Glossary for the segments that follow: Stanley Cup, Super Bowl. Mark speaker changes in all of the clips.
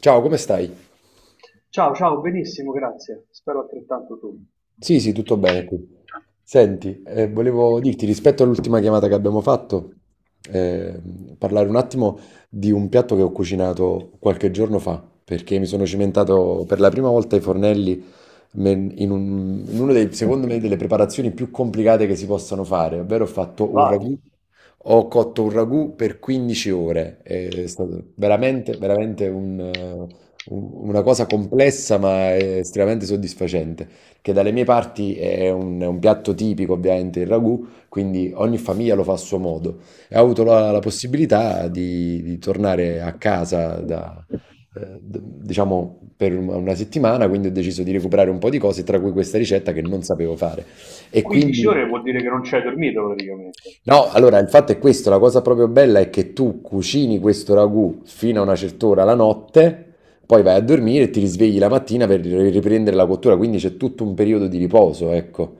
Speaker 1: Ciao, come stai?
Speaker 2: Ciao, ciao, benissimo, grazie. Spero altrettanto tu.
Speaker 1: Sì, sì, tutto bene qui. Senti, volevo dirti rispetto all'ultima chiamata che abbiamo fatto, eh, parlare un attimo di un piatto che ho cucinato qualche giorno fa, perché mi sono cimentato per la prima volta ai fornelli in uno dei, secondo me, delle preparazioni più complicate che si possano fare, ovvero ho fatto un
Speaker 2: Vai.
Speaker 1: ragù, ho cotto un ragù per 15 ore, è stato veramente, veramente una cosa complessa ma estremamente soddisfacente, che dalle mie parti è un piatto tipico, ovviamente, il ragù, quindi ogni famiglia lo fa a suo modo e ho avuto la possibilità di tornare a casa da, diciamo per una settimana, quindi ho deciso di recuperare un po' di cose, tra cui questa ricetta che non sapevo fare. E
Speaker 2: 15
Speaker 1: quindi,
Speaker 2: ore vuol dire che non ci hai dormito praticamente.
Speaker 1: no, allora il fatto è questo, la cosa proprio bella è che tu cucini questo ragù fino a una certa ora la notte, poi vai a dormire e ti risvegli la mattina per riprendere la cottura, quindi c'è tutto un periodo di riposo, ecco.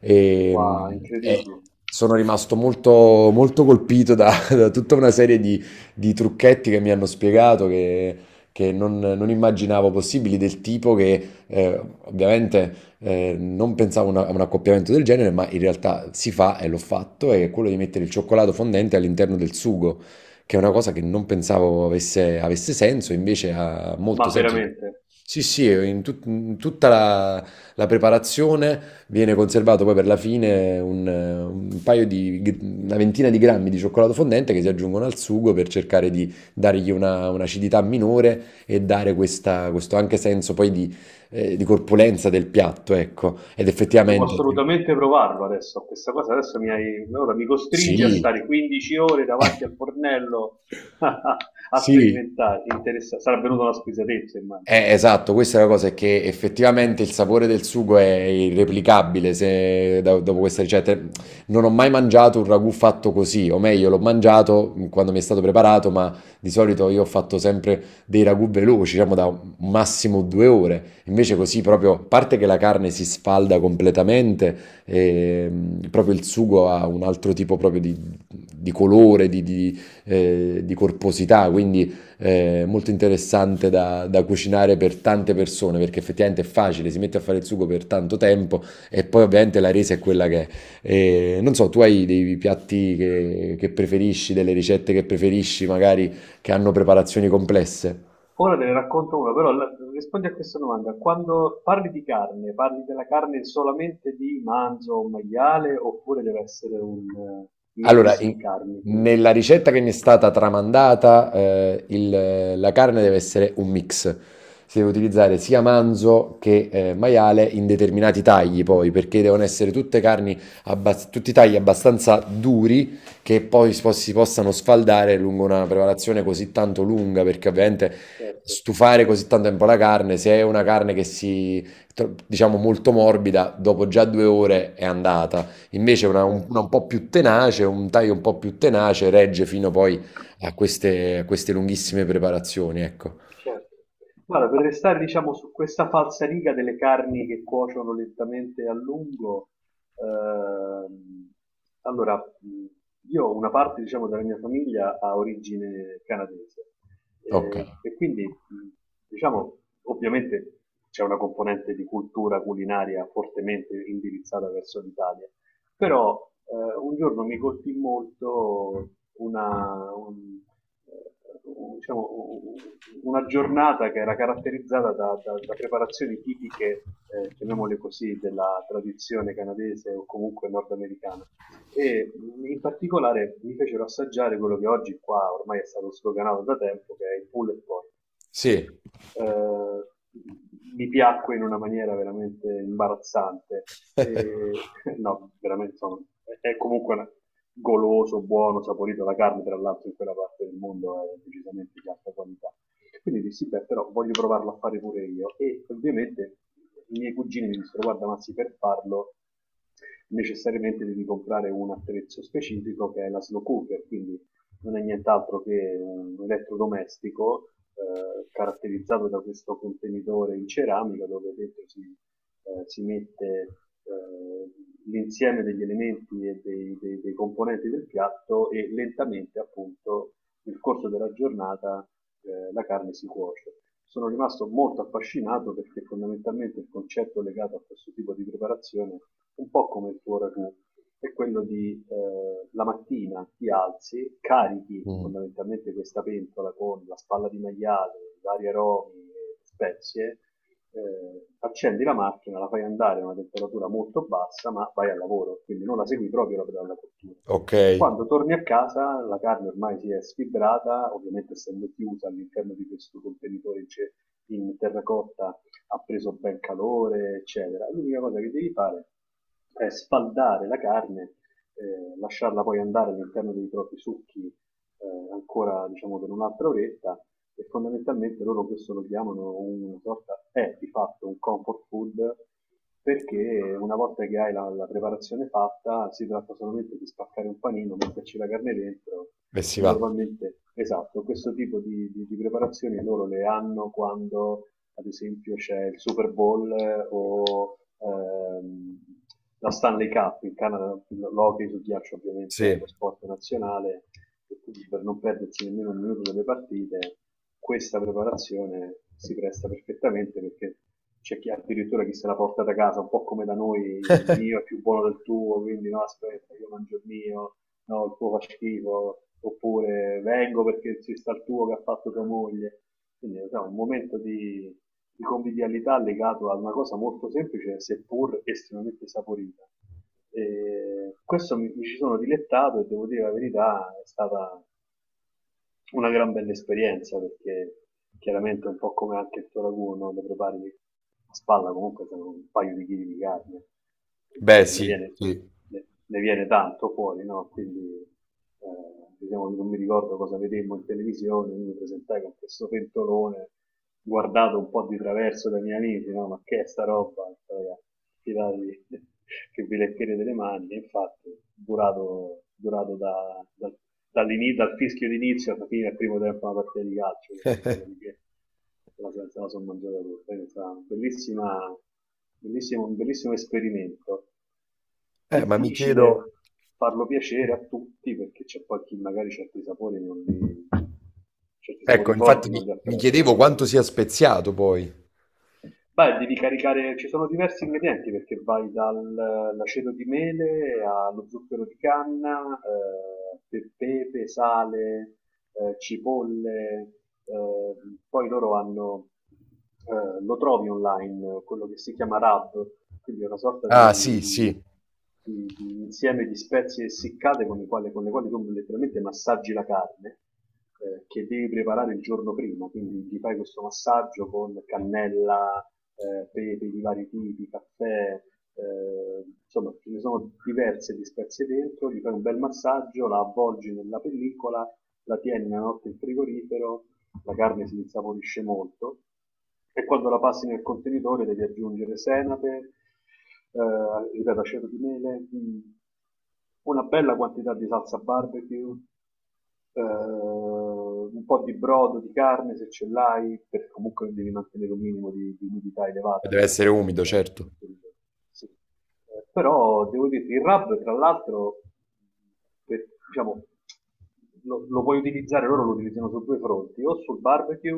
Speaker 1: E, mh,
Speaker 2: Wow,
Speaker 1: e
Speaker 2: incredibile.
Speaker 1: sono rimasto molto, molto colpito da, da tutta una serie di trucchetti che mi hanno spiegato che non, non immaginavo possibili, del tipo che ovviamente non pensavo a un accoppiamento del genere, ma in realtà si fa e l'ho fatto, è quello di mettere il cioccolato fondente all'interno del sugo, che è una cosa che non pensavo avesse, avesse senso, invece ha molto
Speaker 2: Ma
Speaker 1: senso.
Speaker 2: veramente,
Speaker 1: Sì, sì, in tutta la preparazione. Viene conservato poi per la fine un paio di, una ventina di grammi di cioccolato fondente che si aggiungono al sugo per cercare di dargli un'acidità minore e dare questo anche senso poi di corpulenza del piatto, ecco. Ed
Speaker 2: devo
Speaker 1: effettivamente,
Speaker 2: assolutamente provarlo adesso. Questa cosa adesso mi hai. Ora mi costringi a
Speaker 1: sì,
Speaker 2: stare 15 ore davanti al fornello a
Speaker 1: sì,
Speaker 2: sperimentare. Interessa. Sarà venuta una spesatezza, immagino.
Speaker 1: eh, esatto, questa è la cosa, è che effettivamente il sapore del sugo è irreplicabile se, da- dopo questa ricetta. Non ho mai mangiato un ragù fatto così, o meglio, l'ho mangiato quando mi è stato preparato, ma di solito io ho fatto sempre dei ragù veloci, diciamo da un massimo 2 ore. Invece così
Speaker 2: Eh,
Speaker 1: proprio, a parte che la carne si sfalda completamente, proprio il sugo ha un altro tipo proprio di colore, di corposità, quindi molto interessante da, da cucinare per tante persone perché effettivamente è facile, si mette a fare il sugo per tanto tempo e poi ovviamente la resa è quella che è. E, non so, tu hai dei piatti che preferisci, delle ricette che preferisci, magari che hanno preparazioni complesse?
Speaker 2: Ora te ne racconto una, però rispondi a questa domanda. Quando parli di carne, parli della carne solamente di manzo o maiale oppure deve essere un
Speaker 1: Allora,
Speaker 2: mix di
Speaker 1: in-
Speaker 2: carni?
Speaker 1: Nella ricetta che mi è stata tramandata, la carne deve essere un mix. Si deve utilizzare sia manzo che maiale in determinati tagli, poi, perché devono essere tutte carni, tutti tagli abbastanza duri che poi si possano sfaldare lungo una preparazione così tanto lunga, perché ovviamente
Speaker 2: Certo.
Speaker 1: stufare così tanto tempo la carne, se è una carne che diciamo, molto morbida, dopo già 2 ore è andata. Invece
Speaker 2: Certo.
Speaker 1: una un po' più tenace, un taglio un po' più tenace regge fino poi a queste lunghissime preparazioni, ecco.
Speaker 2: Certo. Guarda, per restare, diciamo, su questa falsariga delle carni che cuociono lentamente a lungo, ehm, allora, io una parte, diciamo, della mia famiglia ha origine canadese
Speaker 1: Ok,
Speaker 2: e quindi, diciamo, ovviamente c'è una componente di cultura culinaria fortemente indirizzata verso l'Italia, però un giorno mi colpì molto una, un- diciamo, un- una giornata che era caratterizzata da preparazioni tipiche, chiamiamole così, della tradizione canadese o comunque nordamericana. E in particolare mi fecero assaggiare quello che oggi qua ormai è stato sloganato da tempo, che è il pulled pork.
Speaker 1: sì,
Speaker 2: Eh, Mi piacque in una maniera veramente imbarazzante. E, no, veramente sono, è comunque goloso, buono, saporito la carne, tra l'altro in quella parte del mondo è decisamente di alta qualità. Quindi dissi, beh, però voglio provarlo a fare pure io. E ovviamente i miei cugini mi dissero, guarda, Mazzi, per farlo necessariamente devi comprare un attrezzo specifico che è la slow cooker, quindi non è nient'altro che un elettrodomestico caratterizzato da questo contenitore in ceramica dove dentro si mette eh, l'insieme degli elementi e dei componenti del piatto e lentamente appunto nel corso della giornata la carne si cuoce. Sono rimasto molto affascinato perché fondamentalmente il concetto legato a questo tipo di preparazione, un po' come il tuo ragù, è quello di la mattina ti alzi, carichi
Speaker 1: mm,
Speaker 2: fondamentalmente questa pentola con la spalla di maiale, vari aromi e spezie, accendi la macchina, la fai andare a una temperatura molto bassa, ma vai al lavoro, quindi non la segui proprio la pedana cottura.
Speaker 1: ok, e
Speaker 2: Quando torni a casa la carne ormai si è sfibrata, ovviamente essendo chiusa all'interno di questo contenitore in terracotta ha preso ben calore, eccetera. L'unica cosa che devi fare è sfaldare la carne, lasciarla poi andare all'interno dei propri succhi ancora diciamo per un'altra oretta e fondamentalmente loro questo lo chiamano una sorta, è di fatto un comfort food perché una volta che hai la preparazione fatta si tratta solamente di spaccare un panino, metterci la carne dentro
Speaker 1: si
Speaker 2: e
Speaker 1: va.
Speaker 2: normalmente, esatto, questo tipo di preparazioni loro le hanno quando ad esempio c'è il Super Bowl o la Stanley Cup, in Canada l'hockey su ghiaccio ovviamente è
Speaker 1: Sì,
Speaker 2: lo sport nazionale e quindi per non perdersi nemmeno un minuto delle partite, questa preparazione si presta perfettamente perché c'è chi addirittura chi se la porta da casa, un po' come da noi, il mio è più buono del tuo, quindi no, aspetta, io mangio il mio, no, il tuo fa schifo, oppure vengo perché ci sta il tuo che ha fatto tua moglie. Quindi è un momento di convivialità legato a una cosa molto semplice, seppur estremamente saporita. E questo mi ci sono dilettato e devo dire la verità, è stata una gran bella esperienza perché chiaramente un po' come anche il tuo ragù, no? Lo prepari a spalla comunque sono un paio di chili di carne, quindi
Speaker 1: beh
Speaker 2: insomma, ne,
Speaker 1: sì,
Speaker 2: viene,
Speaker 1: sì.
Speaker 2: ne, ne viene tanto fuori, no? Quindi diciamo, non mi ricordo cosa vedemmo in televisione, mi presentai con questo pentolone guardato un po' di traverso dai miei amici, no? Ma che è sta roba? Ragazzi, tiratevi che vi leccherete delle mani. E infatti, durato dal fischio d'inizio alla fine del primo tempo una partita di calcio, dopodiché se la sono mangiata tutta. Quindi è stata un bellissimo esperimento.
Speaker 1: Ma mi chiedo,
Speaker 2: Difficile farlo piacere a tutti perché c'è poi chi magari certi
Speaker 1: ecco,
Speaker 2: sapori
Speaker 1: infatti
Speaker 2: forti non
Speaker 1: mi,
Speaker 2: li
Speaker 1: mi chiedevo
Speaker 2: apprezzano.
Speaker 1: quanto sia speziato poi.
Speaker 2: Beh, devi caricare, ci sono diversi ingredienti perché vai dall'aceto di mele allo zucchero di canna, pepe, sale, cipolle, eh, poi loro hanno, lo trovi online, quello che si chiama rub, quindi è una sorta
Speaker 1: Ah sì, sì,
Speaker 2: di-
Speaker 1: e
Speaker 2: di insieme di spezie essiccate con le quali tu letteralmente massaggi la carne che devi preparare il giorno prima, quindi gli fai questo massaggio con cannella, pepe di vari tipi, caffè, insomma ce ne sono diverse dispezie dentro, gli fai un bel massaggio, la avvolgi nella pellicola, la tieni una notte in frigorifero, la carne si insaporisce molto e quando la passi nel contenitore devi aggiungere senape, ripeto, aceto di mele, una bella quantità di salsa barbecue, un po' di brodo, di carne se ce l'hai, perché comunque devi mantenere un minimo di umidità elevata
Speaker 1: deve essere
Speaker 2: all'interno del,
Speaker 1: umido,
Speaker 2: del
Speaker 1: certo.
Speaker 2: contenitore. Sì. Però devo dirti, il rub tra l'altro, diciamo, lo puoi utilizzare, loro lo utilizzano su due fronti, o sul barbecue,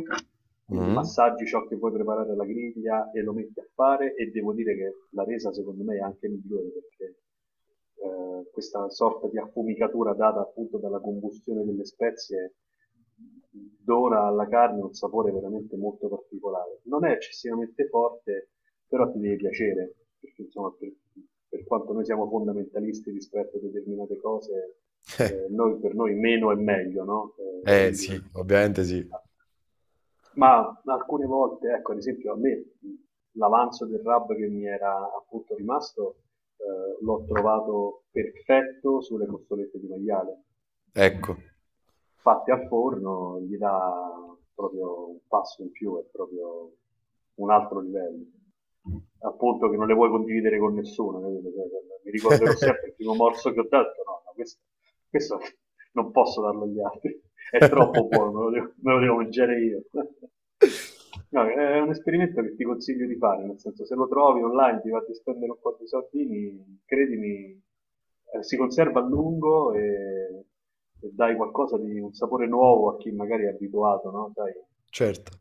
Speaker 2: quindi
Speaker 1: Mm.
Speaker 2: massaggi ciò che vuoi preparare alla griglia e lo metti a fare e devo dire che la resa secondo me è anche migliore perché questa sorta di affumicatura data appunto dalla combustione delle spezie dona alla carne un sapore veramente molto particolare. Non è eccessivamente forte, però ti deve piacere, perché insomma per quanto noi siamo fondamentalisti rispetto a determinate cose, per noi meno è meglio, no? Eh,
Speaker 1: Eh
Speaker 2: quindi,
Speaker 1: sì, ovviamente sì,
Speaker 2: ah, ma alcune volte, ecco, ad esempio a me l'avanzo del RAB che mi era appunto rimasto l'ho trovato perfetto sulle costolette di maiale.
Speaker 1: ecco,
Speaker 2: Fatte al forno gli dà proprio un passo in più, è proprio un altro livello. Appunto che non le vuoi condividere con nessuno, capito? Cioè, mi ricorderò sempre il primo morso che ho dato, no, no questo non posso darlo agli altri, è troppo buono, me lo devo mangiare io. No, è un esperimento che ti consiglio di fare, nel senso se lo trovi online, ti va di spendere un po' di soldini, credimi, si conserva a lungo e, dai qualcosa di un sapore nuovo a chi magari è abituato, no? Sai,
Speaker 1: certo.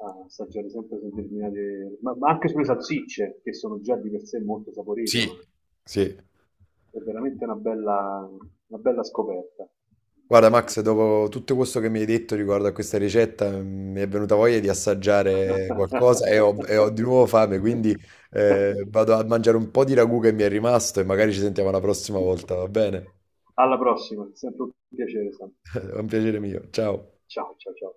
Speaker 2: a assaggiare sempre su determinate, ma anche sulle salsicce, che sono già di per sé molto saporite, ma
Speaker 1: Sì, sì.
Speaker 2: è veramente una bella scoperta.
Speaker 1: Guarda Max, dopo tutto questo che mi hai detto riguardo a questa ricetta, mm, mi è venuta voglia di assaggiare qualcosa e ho di nuovo fame, quindi vado a mangiare un po' di ragù che mi è rimasto e magari ci sentiamo la prossima volta, va bene?
Speaker 2: Alla prossima, è sempre un piacere Sam,
Speaker 1: È un piacere mio, ciao.
Speaker 2: ciao ciao ciao.